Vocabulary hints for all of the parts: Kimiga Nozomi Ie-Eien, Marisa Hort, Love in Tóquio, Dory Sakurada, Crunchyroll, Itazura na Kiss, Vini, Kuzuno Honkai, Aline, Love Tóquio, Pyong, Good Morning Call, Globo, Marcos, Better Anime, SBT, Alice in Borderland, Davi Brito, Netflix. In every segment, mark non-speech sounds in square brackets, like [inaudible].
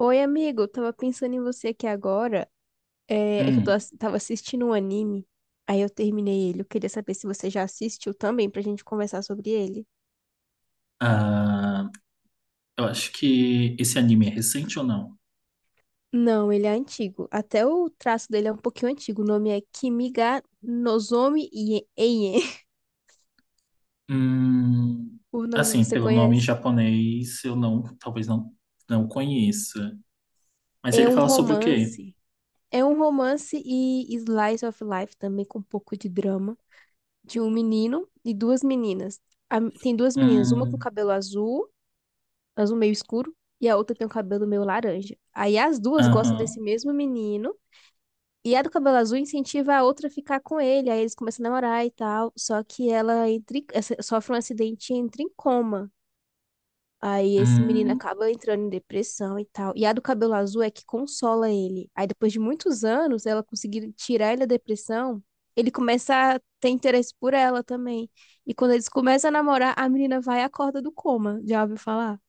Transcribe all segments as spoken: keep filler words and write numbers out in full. Oi, amigo, eu tava pensando em você aqui agora. É, é que eu tô Hum, ass- tava assistindo um anime, aí eu terminei ele. Eu queria saber se você já assistiu também pra gente conversar sobre ele. ah, eu acho que esse anime é recente ou não? Não, ele é antigo. Até o traço dele é um pouquinho antigo. O nome é Kimiga Nozomi Ie- Eien. [laughs] Hum, O nome assim, você pelo nome em conhece? japonês, eu não, talvez não, não conheça. Mas É ele um fala sobre o quê? romance. É um romance e slice of life também com um pouco de drama de um menino e duas meninas. A- tem duas meninas, uma com Hum. cabelo azul, azul meio escuro, e a outra tem um cabelo meio laranja. Aí as duas gostam Aham. desse mesmo menino, e a do cabelo azul incentiva a outra a ficar com ele, aí eles começam a namorar e tal, só que ela entra, em- essa- sofre um acidente e entra em coma. Aí esse menino Hum. acaba entrando em depressão e tal. E a do cabelo azul é que consola ele. Aí depois de muitos anos, ela conseguir tirar ele da depressão, ele começa a ter interesse por ela também. E quando eles começam a namorar, a menina vai e acorda do coma. Já ouviu falar?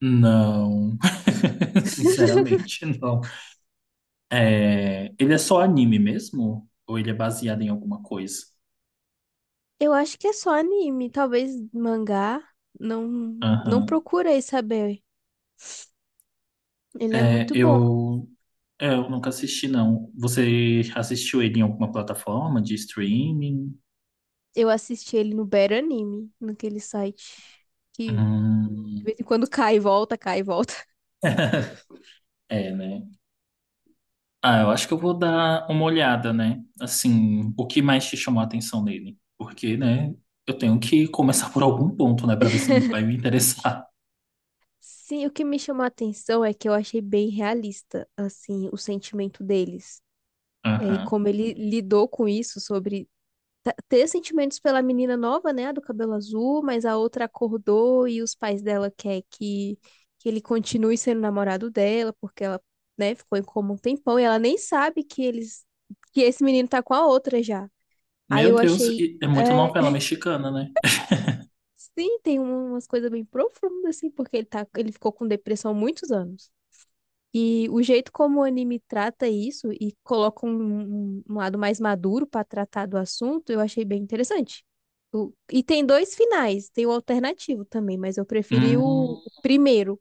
Não. [laughs] Sinceramente, não. É, ele é só anime mesmo? Ou ele é baseado em alguma coisa? Eu acho que é só anime, talvez mangá. Não, não Aham. procurei saber. Ele é É, muito bom. eu, eu nunca assisti, não. Você assistiu ele em alguma plataforma de streaming? Eu assisti ele no Better Anime, naquele site que de Hum. vez em quando cai e volta, cai e volta. [laughs] É, né? Ah, eu acho que eu vou dar uma olhada, né? Assim, o que mais te chamou a atenção nele? Porque, né, eu tenho que começar por algum ponto, né, pra ver se vai me interessar. [laughs] Sim, o que me chamou a atenção é que eu achei bem realista, assim, o sentimento deles. [laughs] É, e Aham. como ele lidou com isso sobre ta- ter sentimentos pela menina nova, né, a do cabelo azul, mas a outra acordou e os pais dela querem que, que ele continue sendo namorado dela, porque ela, né, ficou em coma um tempão e ela nem sabe que eles, que esse menino tá com a outra já. Aí Meu eu Deus, achei, e é muita é, novela [laughs] mexicana, né? sim, tem um- umas coisas bem profundas, assim, porque ele tá, ele ficou com depressão há muitos anos. E o jeito como o anime trata isso e coloca um, um- um lado mais maduro para tratar do assunto, eu achei bem interessante. O- e tem dois finais, tem o alternativo também, mas eu preferi o, Hum, o primeiro.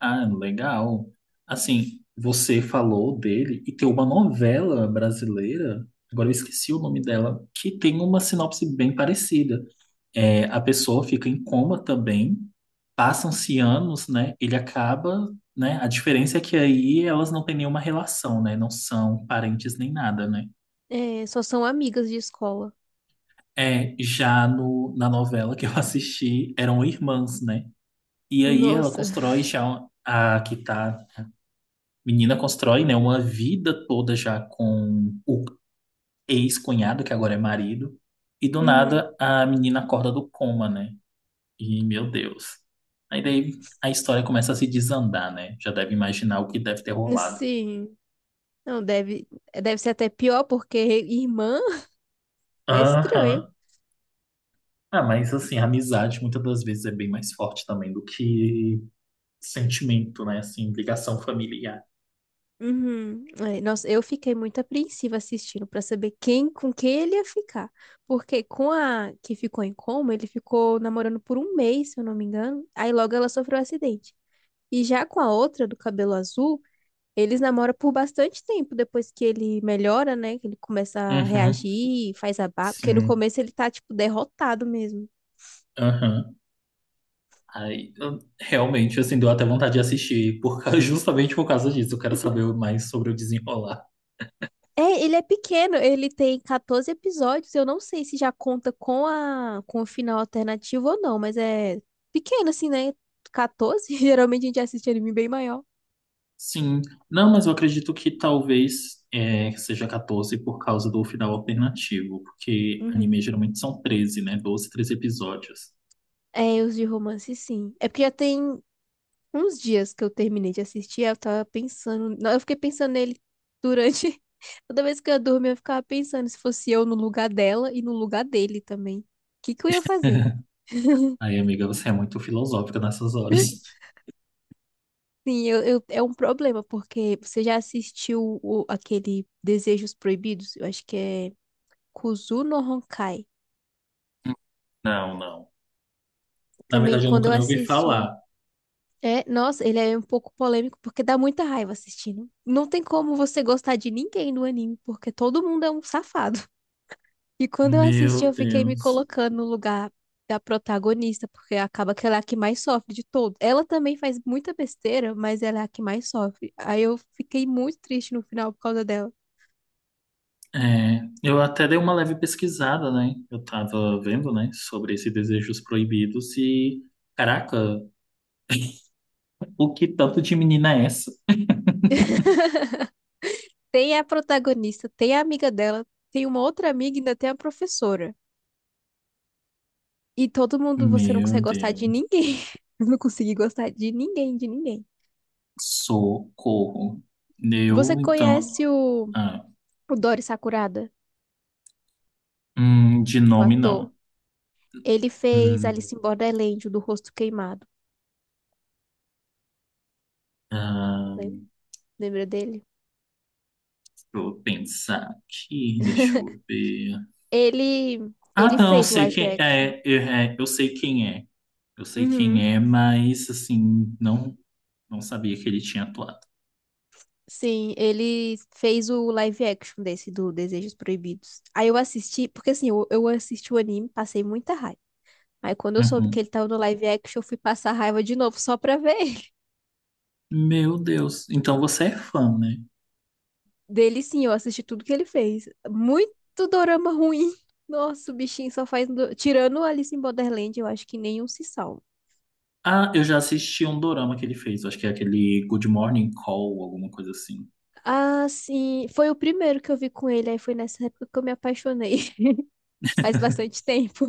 ah, legal. Assim, você falou dele e tem uma novela brasileira, agora eu esqueci o nome dela, que tem uma sinopse bem parecida. É, a pessoa fica em coma também, passam-se anos, né? Ele acaba, né? A diferença é que aí elas não têm nenhuma relação, né? Não são parentes nem nada, né? É, só são amigas de escola. É, já no, na novela que eu [laughs] assisti, eram irmãs, né? E aí ela Nossa. constrói já a que tá. Menina constrói, né, uma vida toda já com o ex-cunhado, que agora é marido, e do Uhum. nada a menina acorda do coma, né? E, meu Deus. Aí daí a história começa a se desandar, né? Já deve imaginar o que deve ter rolado. Sim. Não, deve, deve ser até pior, porque irmã [laughs] é estranho. Aham. Ah, mas assim, a amizade muitas das vezes é bem mais forte também do que sentimento, né? Assim, ligação familiar. Uhum. É, nossa, eu fiquei muito apreensiva assistindo pra saber quem com quem ele ia ficar. Porque com a que ficou em coma, ele ficou namorando por um mês, se eu não me engano. Aí logo ela sofreu um acidente. E já com a outra do cabelo azul, eles namoram por bastante tempo depois que ele melhora, né? Que ele começa a Uhum. reagir, faz a barba. Porque no Sim. começo ele tá, tipo, derrotado mesmo. Aham. Aí, eu- realmente, assim, deu até vontade de assistir, por, causa- [laughs] justamente por causa disso. Eu quero saber mais sobre o desenrolar. É, ele é pequeno, ele tem quatorze episódios. Eu não sei se já conta com a com o final alternativo ou não, mas é pequeno assim, né? quatorze, [laughs] geralmente a gente assiste anime bem maior. Sim, não, mas eu acredito que talvez é, seja quatorze por causa do final alternativo, porque anime Uhum. geralmente são treze, né? Doze, treze episódios. É, os de romance, sim. É porque já tem uns dias que eu terminei de assistir, eu tava pensando, não, eu fiquei pensando nele durante [laughs] toda vez que eu dormia, eu ficava pensando se fosse eu no lugar dela e no lugar dele também. O que que eu ia fazer? Aí, amiga, você é muito filosófica nessas horas. Sim, eu, eu- é um problema, porque você já assistiu o, aquele Desejos Proibidos? Eu acho que é Kuzuno Honkai. Não, não. Na Também verdade, eu quando nunca eu nem ouvi assisti. falar. É, nossa, ele é um pouco polêmico, porque dá muita raiva assistindo. Não tem como você gostar de ninguém no anime, porque todo mundo é um safado. [laughs] E quando eu assisti, Meu eu fiquei me Deus. colocando no lugar da protagonista, porque acaba que ela é a que mais sofre de todos. Ela também faz muita besteira, mas ela é a que mais sofre. Aí eu fiquei muito triste no final por causa dela. É, eu até dei uma leve pesquisada, né? Eu tava vendo, né, sobre esses desejos proibidos e, caraca, o que tanto de menina é essa? [laughs] Tem a protagonista, tem a amiga dela, tem uma outra amiga e ainda tem a professora. E todo mundo, você não Meu consegue gostar de Deus. ninguém. [laughs] Eu não consegui gostar de ninguém, de ninguém. Socorro. Você Eu, então. conhece o, Ah. o Dory Sakurada, hum, De o nome, ator? não. Ele fez Hum, Alice in Borderland, o do rosto queimado. ah, Lem- Lembra dele? deixa eu pensar aqui, deixa eu ver. Ele, Ah, ele não fez o sei live quem action. é. Eu, é, eu sei quem é. Eu sei Uhum. quem é, mas, assim, não, não sabia que ele tinha atuado. Sim, ele fez o live action desse do Desejos Proibidos. Aí eu assisti, porque assim, eu, eu assisti o anime, passei muita raiva. Aí quando eu soube que Uhum. ele tava no live action, eu fui passar raiva de novo só pra ver ele. Meu Deus. Então você é fã, né? Dele sim, eu assisti tudo que ele fez. Muito dorama ruim. Nossa, o bichinho só faz. do- Tirando Alice em Borderland, eu acho que nenhum se salva. Ah, eu já assisti um dorama que ele fez. Acho que é aquele Good Morning Call, alguma coisa assim. Ah, sim. Foi o primeiro que eu vi com ele. Aí foi nessa época que eu me apaixonei. [laughs] Faz bastante tempo.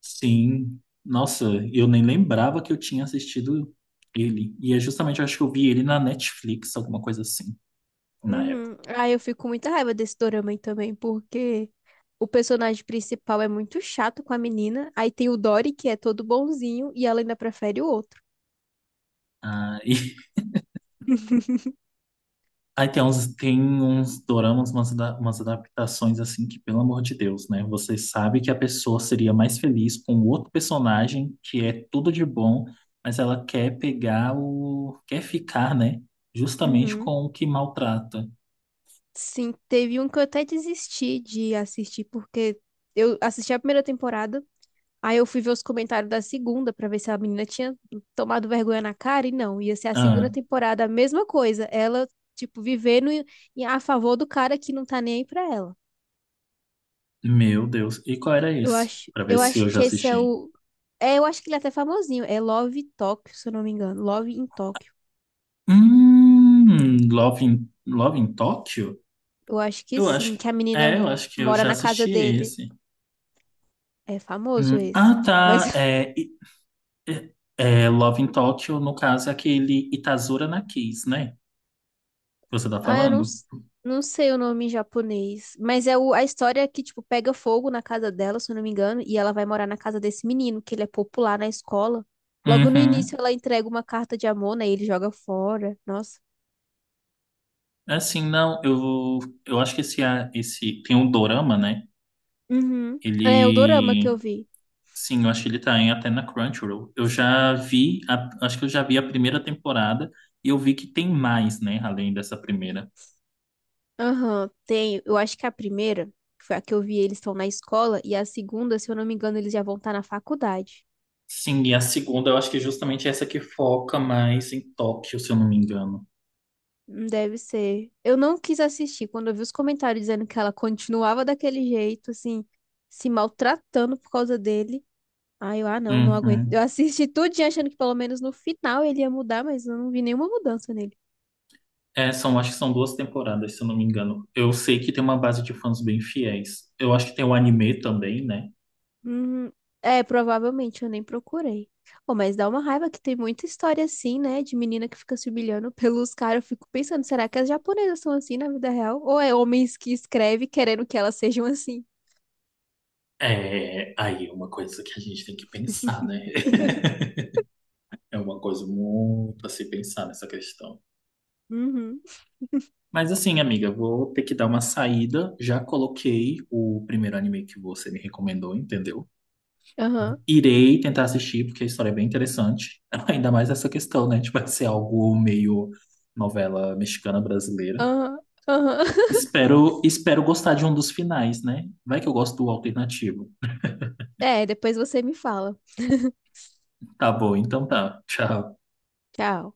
Sim, nossa, eu nem lembrava que eu tinha assistido ele. E é justamente, eu acho que eu vi ele na Netflix, alguma coisa assim, na época. Uhum. Aí eu fico com muita raiva desse dorama aí também, porque o personagem principal é muito chato com a menina. Aí tem o Dory, que é todo bonzinho, e ela ainda prefere o outro. Ah, e [laughs] [laughs] aí tem uns, tem uns doramas, umas, ada- umas adaptações assim que, pelo amor de Deus, né? Você sabe que a pessoa seria mais feliz com outro personagem que é tudo de bom, mas ela quer pegar o quer ficar, né? Justamente Uhum. com o que maltrata. Sim, teve um que eu até desisti de assistir, porque eu assisti a primeira temporada, aí eu fui ver os comentários da segunda pra ver se a menina tinha tomado vergonha na cara, e não, ia ser a segunda Ah, temporada, a mesma coisa, ela, tipo, vivendo em- em- a favor do cara que não tá nem aí pra ela. meu Deus. E qual era Eu esse? acho, Pra ver eu se eu acho já que esse é assisti. o. É, eu acho que ele é até famosinho, é Love Tóquio, se eu não me engano, Love em Tóquio. Hum, Love in, Love in Tóquio? Eu acho que Eu sim, acho, que a é, menina eu acho que eu mora já na casa assisti dele. esse. É famoso Hum, esse. ah, Mas tá. É, e- é, é, Love in Tóquio, no caso, é aquele Itazura na Kiss, né? Que você tá ah, eu não, falando? s- não sei o nome em japonês. Mas é o, a história é que, tipo, pega fogo na casa dela, se eu não me engano, e ela vai morar na casa desse menino, que ele é popular na escola. Logo no início, Uhum. ela entrega uma carta de amor, né? E ele joga fora. Nossa. Assim, não, eu, eu acho que esse, a- esse tem um dorama, né? Uhum. É o dorama que eu Ele, vi. sim, eu acho que ele tá em, até na Crunchyroll. Eu já vi, a- acho que eu já vi a primeira temporada e eu vi que tem mais, né? Além dessa primeira. Aham, tem. Eu acho que a primeira, que foi a que eu vi, eles estão na escola, e a segunda, se eu não me engano, eles já vão estar na faculdade. Sim, e a segunda eu acho que é justamente essa que foca mais em Tóquio, se eu não me engano. Deve ser. Eu não quis assistir quando eu vi os comentários dizendo que ela continuava daquele jeito, assim, se maltratando por causa dele. Aí eu, ah, não, não aguento. Eu Uhum. assisti tudinho achando que pelo menos no final ele ia mudar, mas eu não vi nenhuma mudança nele. É, são, acho que são duas temporadas, se eu não me engano. Eu sei que tem uma base de fãs bem fiéis. Eu acho que tem o anime também, né? Hum, é, provavelmente eu nem procurei. Pô, mas dá uma raiva que tem muita história assim, né, de menina que fica se humilhando [laughs] pelos caras. Eu fico pensando, será que as japonesas são assim na vida real? Ou é homens que escrevem querendo que elas sejam assim? É, aí é uma coisa que a gente tem que pensar, né? [laughs] [laughs] É uma coisa muito a se pensar nessa questão. Uhum. Mas assim, amiga, vou ter que dar uma saída. Já coloquei o primeiro anime que você me recomendou, entendeu? Aham. Irei tentar assistir, porque a história é bem interessante. [laughs] Ainda mais essa questão, né? Tipo, vai ser algo meio novela mexicana brasileira. Aham, aham. [laughs] Espero, espero gostar de um dos finais, né? Vai que eu gosto do alternativo. É, depois você me fala. Tá bom, então tá. Tchau. Tchau.